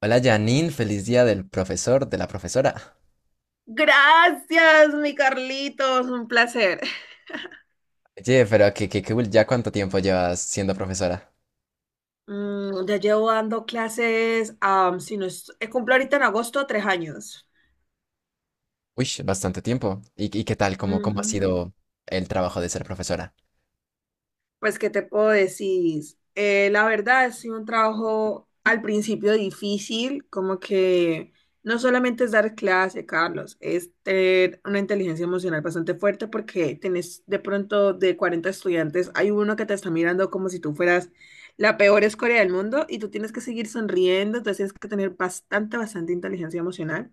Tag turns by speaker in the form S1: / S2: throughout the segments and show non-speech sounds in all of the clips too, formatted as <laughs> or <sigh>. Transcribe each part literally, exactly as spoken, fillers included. S1: Hola Janine, feliz día del profesor, de la profesora.
S2: Gracias, mi Carlitos, un placer.
S1: Oye, pero que, que, que cool, ¿ya cuánto tiempo llevas siendo profesora?
S2: Mm, ya llevo dando clases, am, si no es- eh, cumplo ahorita en agosto tres años.
S1: Uy, bastante tiempo. ¿Y, y qué tal? ¿Cómo, cómo ha
S2: Ujú.
S1: sido el trabajo de ser profesora?
S2: Pues, ¿qué te puedo decir? Eh, la verdad, es un trabajo al principio difícil, como que no solamente es dar clase, Carlos, es tener una inteligencia emocional bastante fuerte porque tenés de pronto de cuarenta estudiantes, hay uno que te está mirando como si tú fueras la peor escoria del mundo y tú tienes que seguir sonriendo, entonces tienes que tener bastante, bastante inteligencia emocional.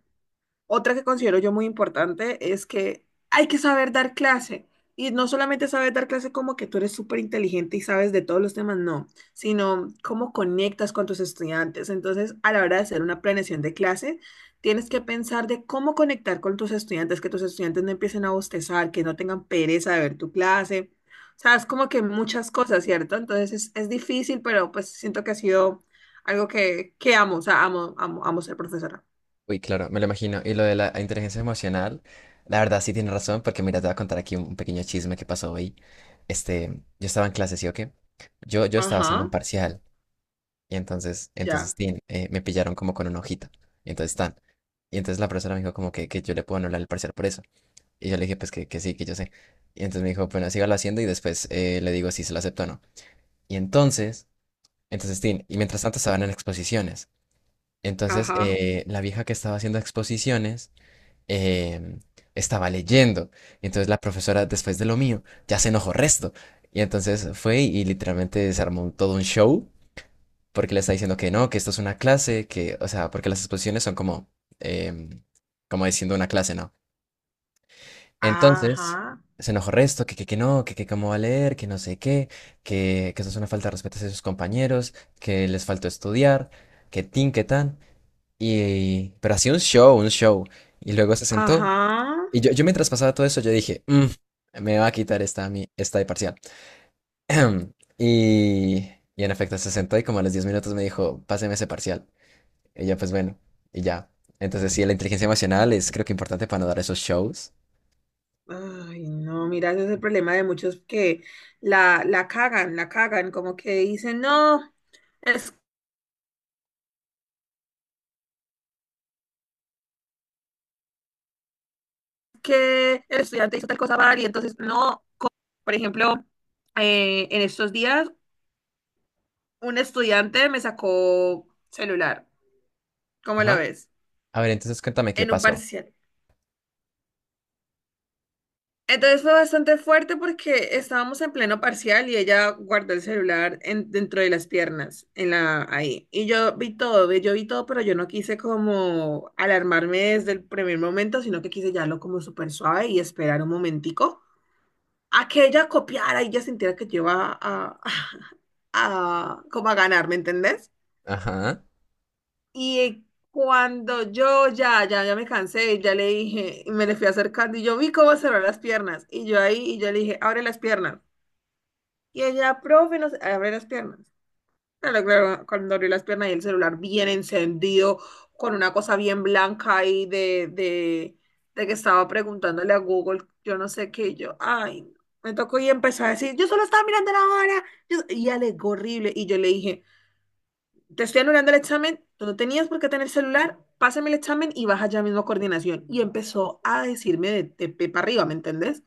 S2: Otra que considero yo muy importante es que hay que saber dar clase. Y no solamente saber dar clase como que tú eres súper inteligente y sabes de todos los temas, no, sino cómo conectas con tus estudiantes. Entonces, a la hora de hacer una planeación de clase, tienes que pensar de cómo conectar con tus estudiantes, que tus estudiantes no empiecen a bostezar, que no tengan pereza de ver tu clase. O sea, es como que muchas cosas, ¿cierto? Entonces, es, es difícil, pero pues siento que ha sido algo que, que amo, o sea, amo, amo, amo ser profesora.
S1: Uy, claro, me lo imagino. Y lo de la inteligencia emocional, la verdad sí tiene razón, porque mira, te voy a contar aquí un un pequeño chisme que pasó hoy. Este, yo estaba en clase, ¿sí o qué? Yo, yo estaba haciendo un
S2: Ajá,
S1: parcial, y entonces, entonces,
S2: ya.
S1: tin, eh, me pillaron como con una hojita. Y entonces, tan. Y entonces la profesora me dijo como que, que yo le puedo anular el parcial por eso. Y yo le dije, pues que, que sí, que yo sé. Y entonces me dijo, bueno, sígalo haciendo y después eh, le digo si se lo acepto o no. Y entonces, entonces, Tin, y mientras tanto estaban en exposiciones. Entonces,
S2: Ajá,
S1: eh, la vieja que estaba haciendo exposiciones em, estaba leyendo. Y entonces la profesora, después de lo mío, ya se enojó resto. Y entonces fue y literalmente se armó todo un show porque le está diciendo que no, que esto es una clase, que, o sea, porque las exposiciones son como, em, como diciendo una clase, ¿no? Entonces,
S2: ajá.
S1: se enojó resto, que, que, que no, que, que cómo va a leer, que no sé qué, que, que eso es una falta de respeto hacia sus compañeros, que les faltó estudiar, que tin, que tan. Y, pero así un show, un show. Y luego se sentó.
S2: Ajá.
S1: Y yo, yo mientras pasaba todo eso, yo dije, "Mm, me va a quitar esta, a mí, esta de parcial." <clears throat> Y, y en efecto se sentó y como a los diez minutos me dijo, páseme ese parcial. Y yo, pues bueno, y ya. Entonces sí, la inteligencia emocional es creo que importante para no dar esos shows.
S2: Ay, no, mira, ese es el problema de muchos que la, la cagan, la cagan, como que dicen, no, es que el estudiante hizo tal cosa mal y entonces, no, por ejemplo, eh, en estos días un estudiante me sacó celular, ¿cómo lo
S1: Ajá.
S2: ves?
S1: A ver, entonces cuéntame qué
S2: En un
S1: pasó.
S2: parcial. Entonces fue bastante fuerte porque estábamos en pleno parcial y ella guardó el celular en- dentro de las piernas, en la, ahí. Y yo vi todo, ve- yo vi todo, pero yo no quise como alarmarme desde el primer momento, sino que quise llevarlo como súper suave y esperar un momentico a que ella copiara y ella sintiera que yo iba a, <laughs> a, como a ganar, ¿me entendés?
S1: Ajá.
S2: Y cuando yo ya, ya, ya me cansé, ya le dije, y me le fui acercando y yo vi cómo cerró las piernas. Y yo ahí, y yo le dije, abre las piernas. Y ella, profe, no sé, abre las piernas. Claro, claro, cuando abrió las piernas y el celular bien encendido, con una cosa bien blanca ahí de, de, de que estaba preguntándole a Google, yo no sé qué, y yo, ay, no. Me tocó y empezó a decir, yo solo estaba mirando la hora. Yo- y alegó horrible. Y yo le dije, te estoy anulando el examen, tú no tenías por qué tener celular, pásame el examen y baja ya mismo a coordinación. Y empezó a decirme de, de pe para arriba, ¿me entendés?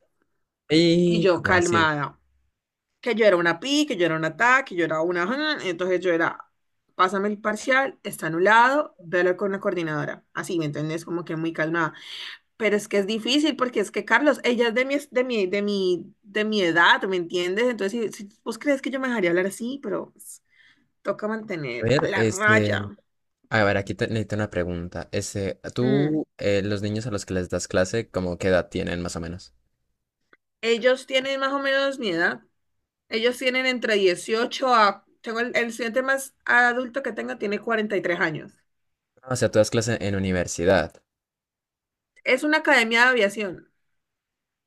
S2: Y
S1: Y
S2: yo
S1: ¿cómo así?
S2: calmada, que yo era una pi, que yo era una ta, que yo era una... ja, entonces yo era, pásame el parcial, está anulado, velo con la coordinadora. Así, ¿me entendés? Como que muy calmada. Pero es que es difícil porque es que, Carlos, ella es de mi, de mi, de mi, de mi edad, ¿me entiendes? Entonces, si, si vos crees que yo me dejaría hablar así, pero pues, toca
S1: A
S2: mantener
S1: ver,
S2: la raya.
S1: este, a ver, aquí te necesito una pregunta. Este,
S2: Mm.
S1: tú, eh, los niños a los que les das clase, ¿cómo qué edad tienen más o menos?
S2: Ellos tienen más o menos mi edad. Ellos tienen entre dieciocho a... Tengo el, el estudiante más adulto que tengo tiene cuarenta y tres años.
S1: Ah, o sea, tú das clase en universidad.
S2: Es una academia de aviación.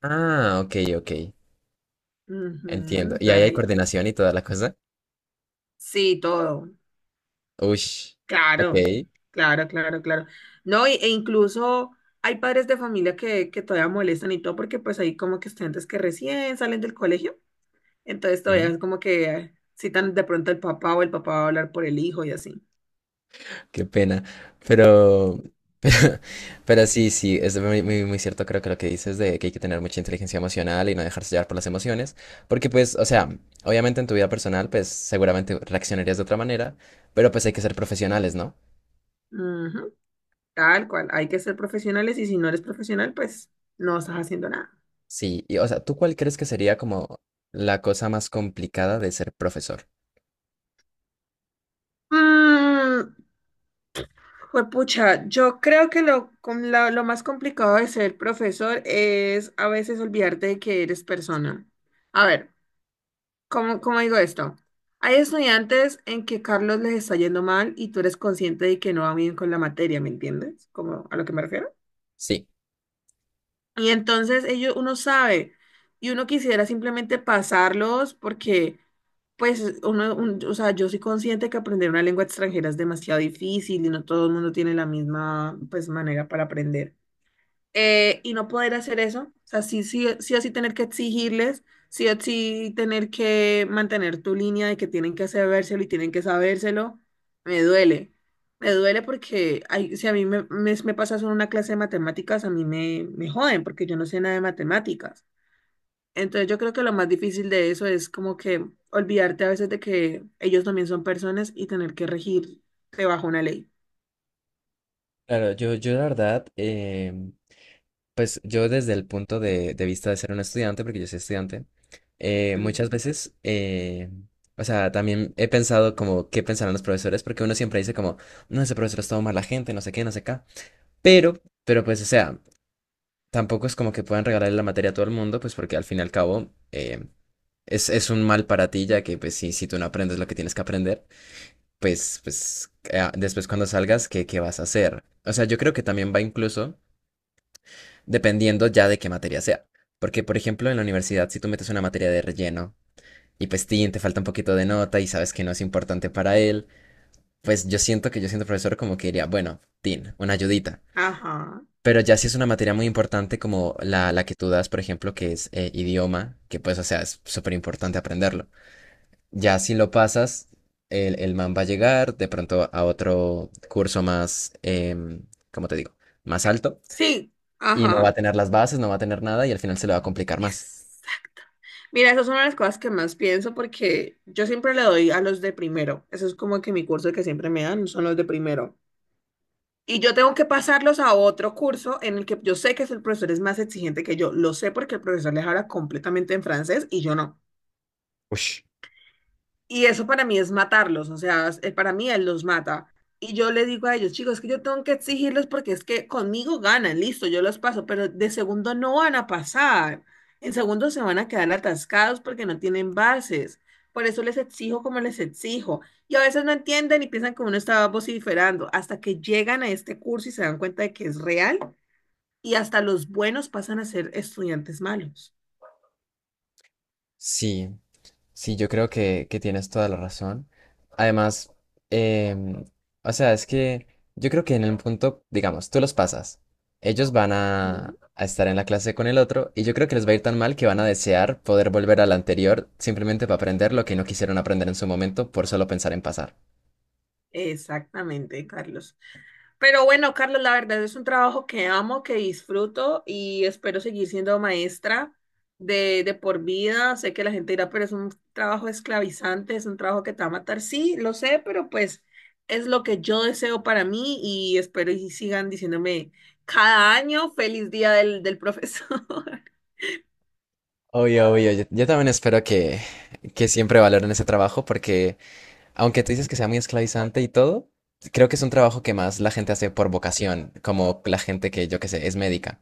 S1: Ah, ok, ok. Entiendo.
S2: Ujú,
S1: ¿Y ahí
S2: traje
S1: hay
S2: ahí.
S1: coordinación y toda la cosa?
S2: Sí, todo.
S1: Ush. Ok.
S2: Claro, claro, claro, claro. No, y- e incluso hay padres de familia que, que todavía molestan y todo porque pues hay como que estudiantes que recién salen del colegio. Entonces todavía es como que eh, citan de pronto al papá o el papá va a hablar por el hijo y así.
S1: Qué pena. Pero, pero, <laughs> pero sí, sí, es muy, muy, muy cierto, creo que lo que dices de que hay que tener mucha inteligencia emocional y no dejarse llevar por las emociones, porque pues, o sea, obviamente en tu vida personal, pues seguramente reaccionarías de otra manera, pero pues hay que ser profesionales, ¿no?
S2: Ujú. Tal cual, hay que ser profesionales y si no eres profesional, pues no estás haciendo nada.
S1: Sí, y o sea, ¿tú cuál crees que sería como la cosa más complicada de ser profesor?
S2: Mm, juepucha, yo creo que lo, com- la- lo más complicado de ser profesor es a veces olvidarte de que eres persona. A ver, ¿cómo, cómo digo esto? Hay estudiantes en que Carlos les está yendo mal y tú eres consciente de que no va bien con la materia, ¿me entiendes? Como a lo que me refiero.
S1: Sí.
S2: Y entonces ellos, uno sabe y uno quisiera simplemente pasarlos porque Pues uno, un- o sea, yo soy consciente que aprender una lengua extranjera es demasiado difícil y no todo el mundo tiene la misma, pues, manera para aprender. Eh, y no poder hacer eso, o sea, sí, sí, sí o sí tener que exigirles, sí o sí tener que mantener tu línea de que tienen que sabérselo y tienen que sabérselo, me duele. Me duele porque hay- si a mí me, me, me pasa eso en una clase de matemáticas, a mí me, me joden porque yo no sé nada de matemáticas. Entonces yo creo que lo más difícil de eso es como que olvidarte a veces de que ellos también son personas y tener que regirte bajo una ley.
S1: Claro, yo, yo la verdad, pues yo desde el punto de, de vista de ser un estudiante, porque yo soy estudiante, eh, muchas
S2: Ujú.
S1: veces, eh, o sea, también he pensado como qué pensarán los profesores, porque uno siempre dice como, no, ese profesor es todo mala gente, no sé qué, no sé qué. Pero, pero pues, o sea, tampoco es como que puedan regalarle la materia a todo el mundo, pues porque al fin y al cabo eh, es, es un mal para ti, ya que pues si, si tú no aprendes lo que tienes que aprender, pues, pues eh, después cuando salgas, ¿qué, qué vas a hacer? O sea, yo creo que también va incluso dependiendo ya de qué materia sea. Porque, por ejemplo, en la universidad, si tú metes una materia de relleno y pues tin, te falta un poquito de nota y sabes que no es importante para él, pues yo siento que yo siendo profesor como que diría, bueno, tin, una ayudita.
S2: Ajá.
S1: Pero ya si es una materia muy importante como la, la que tú das, por ejemplo, que es eh, idioma, que pues, o sea, es súper importante aprenderlo. Ya si lo pasas, el, el man va a llegar de pronto a otro curso más, em, ¿cómo te digo? Más alto
S2: Sí,
S1: y no va
S2: ajá.
S1: a tener las bases, no va a tener nada y al final se le va a complicar más.
S2: Exacto. Mira, esas son las cosas que más pienso porque yo siempre le doy a los de primero. Eso es como que mi curso que siempre me dan son los de primero. Y yo tengo que pasarlos a otro curso en el que yo sé que el profesor es más exigente que yo. Lo sé porque el profesor les habla completamente en francés y yo no.
S1: Ush,
S2: Y eso para mí es matarlos, o sea, es- eh, para mí él los mata. Y yo le digo a ellos, chicos, es que yo tengo que exigirles porque es que conmigo ganan, listo, yo los paso, pero de segundo no van a pasar. En segundo se van a quedar atascados porque no tienen bases. Por eso les exijo como les exijo. Y a veces no entienden y piensan que uno estaba vociferando hasta que llegan a este curso y se dan cuenta de que es real y hasta los buenos pasan a ser estudiantes malos.
S1: sí, sí, yo creo que, que tienes toda la razón. Además, em, o sea, es que yo creo que en el punto, digamos, tú los pasas, ellos van
S2: Ujú.
S1: a, a estar en la clase con el otro y yo creo que les va a ir tan mal que van a desear poder volver al anterior simplemente para aprender lo que no quisieron aprender en su momento por solo pensar en pasar.
S2: Exactamente, Carlos. Pero bueno, Carlos, la verdad es un trabajo que amo, que disfruto y espero seguir siendo maestra de, de por vida. Sé que la gente dirá, pero es un trabajo esclavizante, es un trabajo que te va a matar. Sí, lo sé, pero pues es lo que yo deseo para mí y espero y sigan diciéndome cada año feliz día del, del profesor. <laughs>
S1: Obvio, obvio, yo, yo también espero que, que siempre valoren ese trabajo porque aunque tú dices que sea muy esclavizante y todo, creo que es un trabajo que más la gente hace por vocación, como la gente que yo que sé, es médica,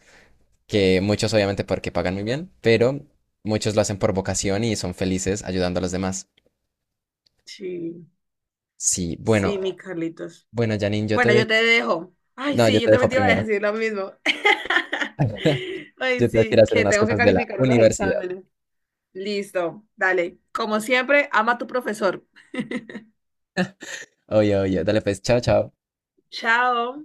S1: que muchos obviamente porque pagan muy bien, pero muchos lo hacen por vocación y son felices ayudando a los demás.
S2: Sí,
S1: Sí, bueno,
S2: sí, mi Carlitos.
S1: bueno, Janine, yo te
S2: Bueno, yo
S1: dejo.
S2: te dejo. Ay,
S1: No, yo
S2: sí,
S1: te
S2: yo
S1: dejo
S2: también te iba a
S1: primero.
S2: decir lo mismo. <laughs>
S1: <laughs>
S2: Ay,
S1: Yo tengo que ir
S2: sí,
S1: a hacer
S2: que
S1: unas
S2: tengo que
S1: cosas de la
S2: calificar unos
S1: universidad.
S2: exámenes. Listo, dale. Como siempre, ama a tu profesor. <laughs>
S1: Oye, oye, dale pues, chao, chao.
S2: Chao.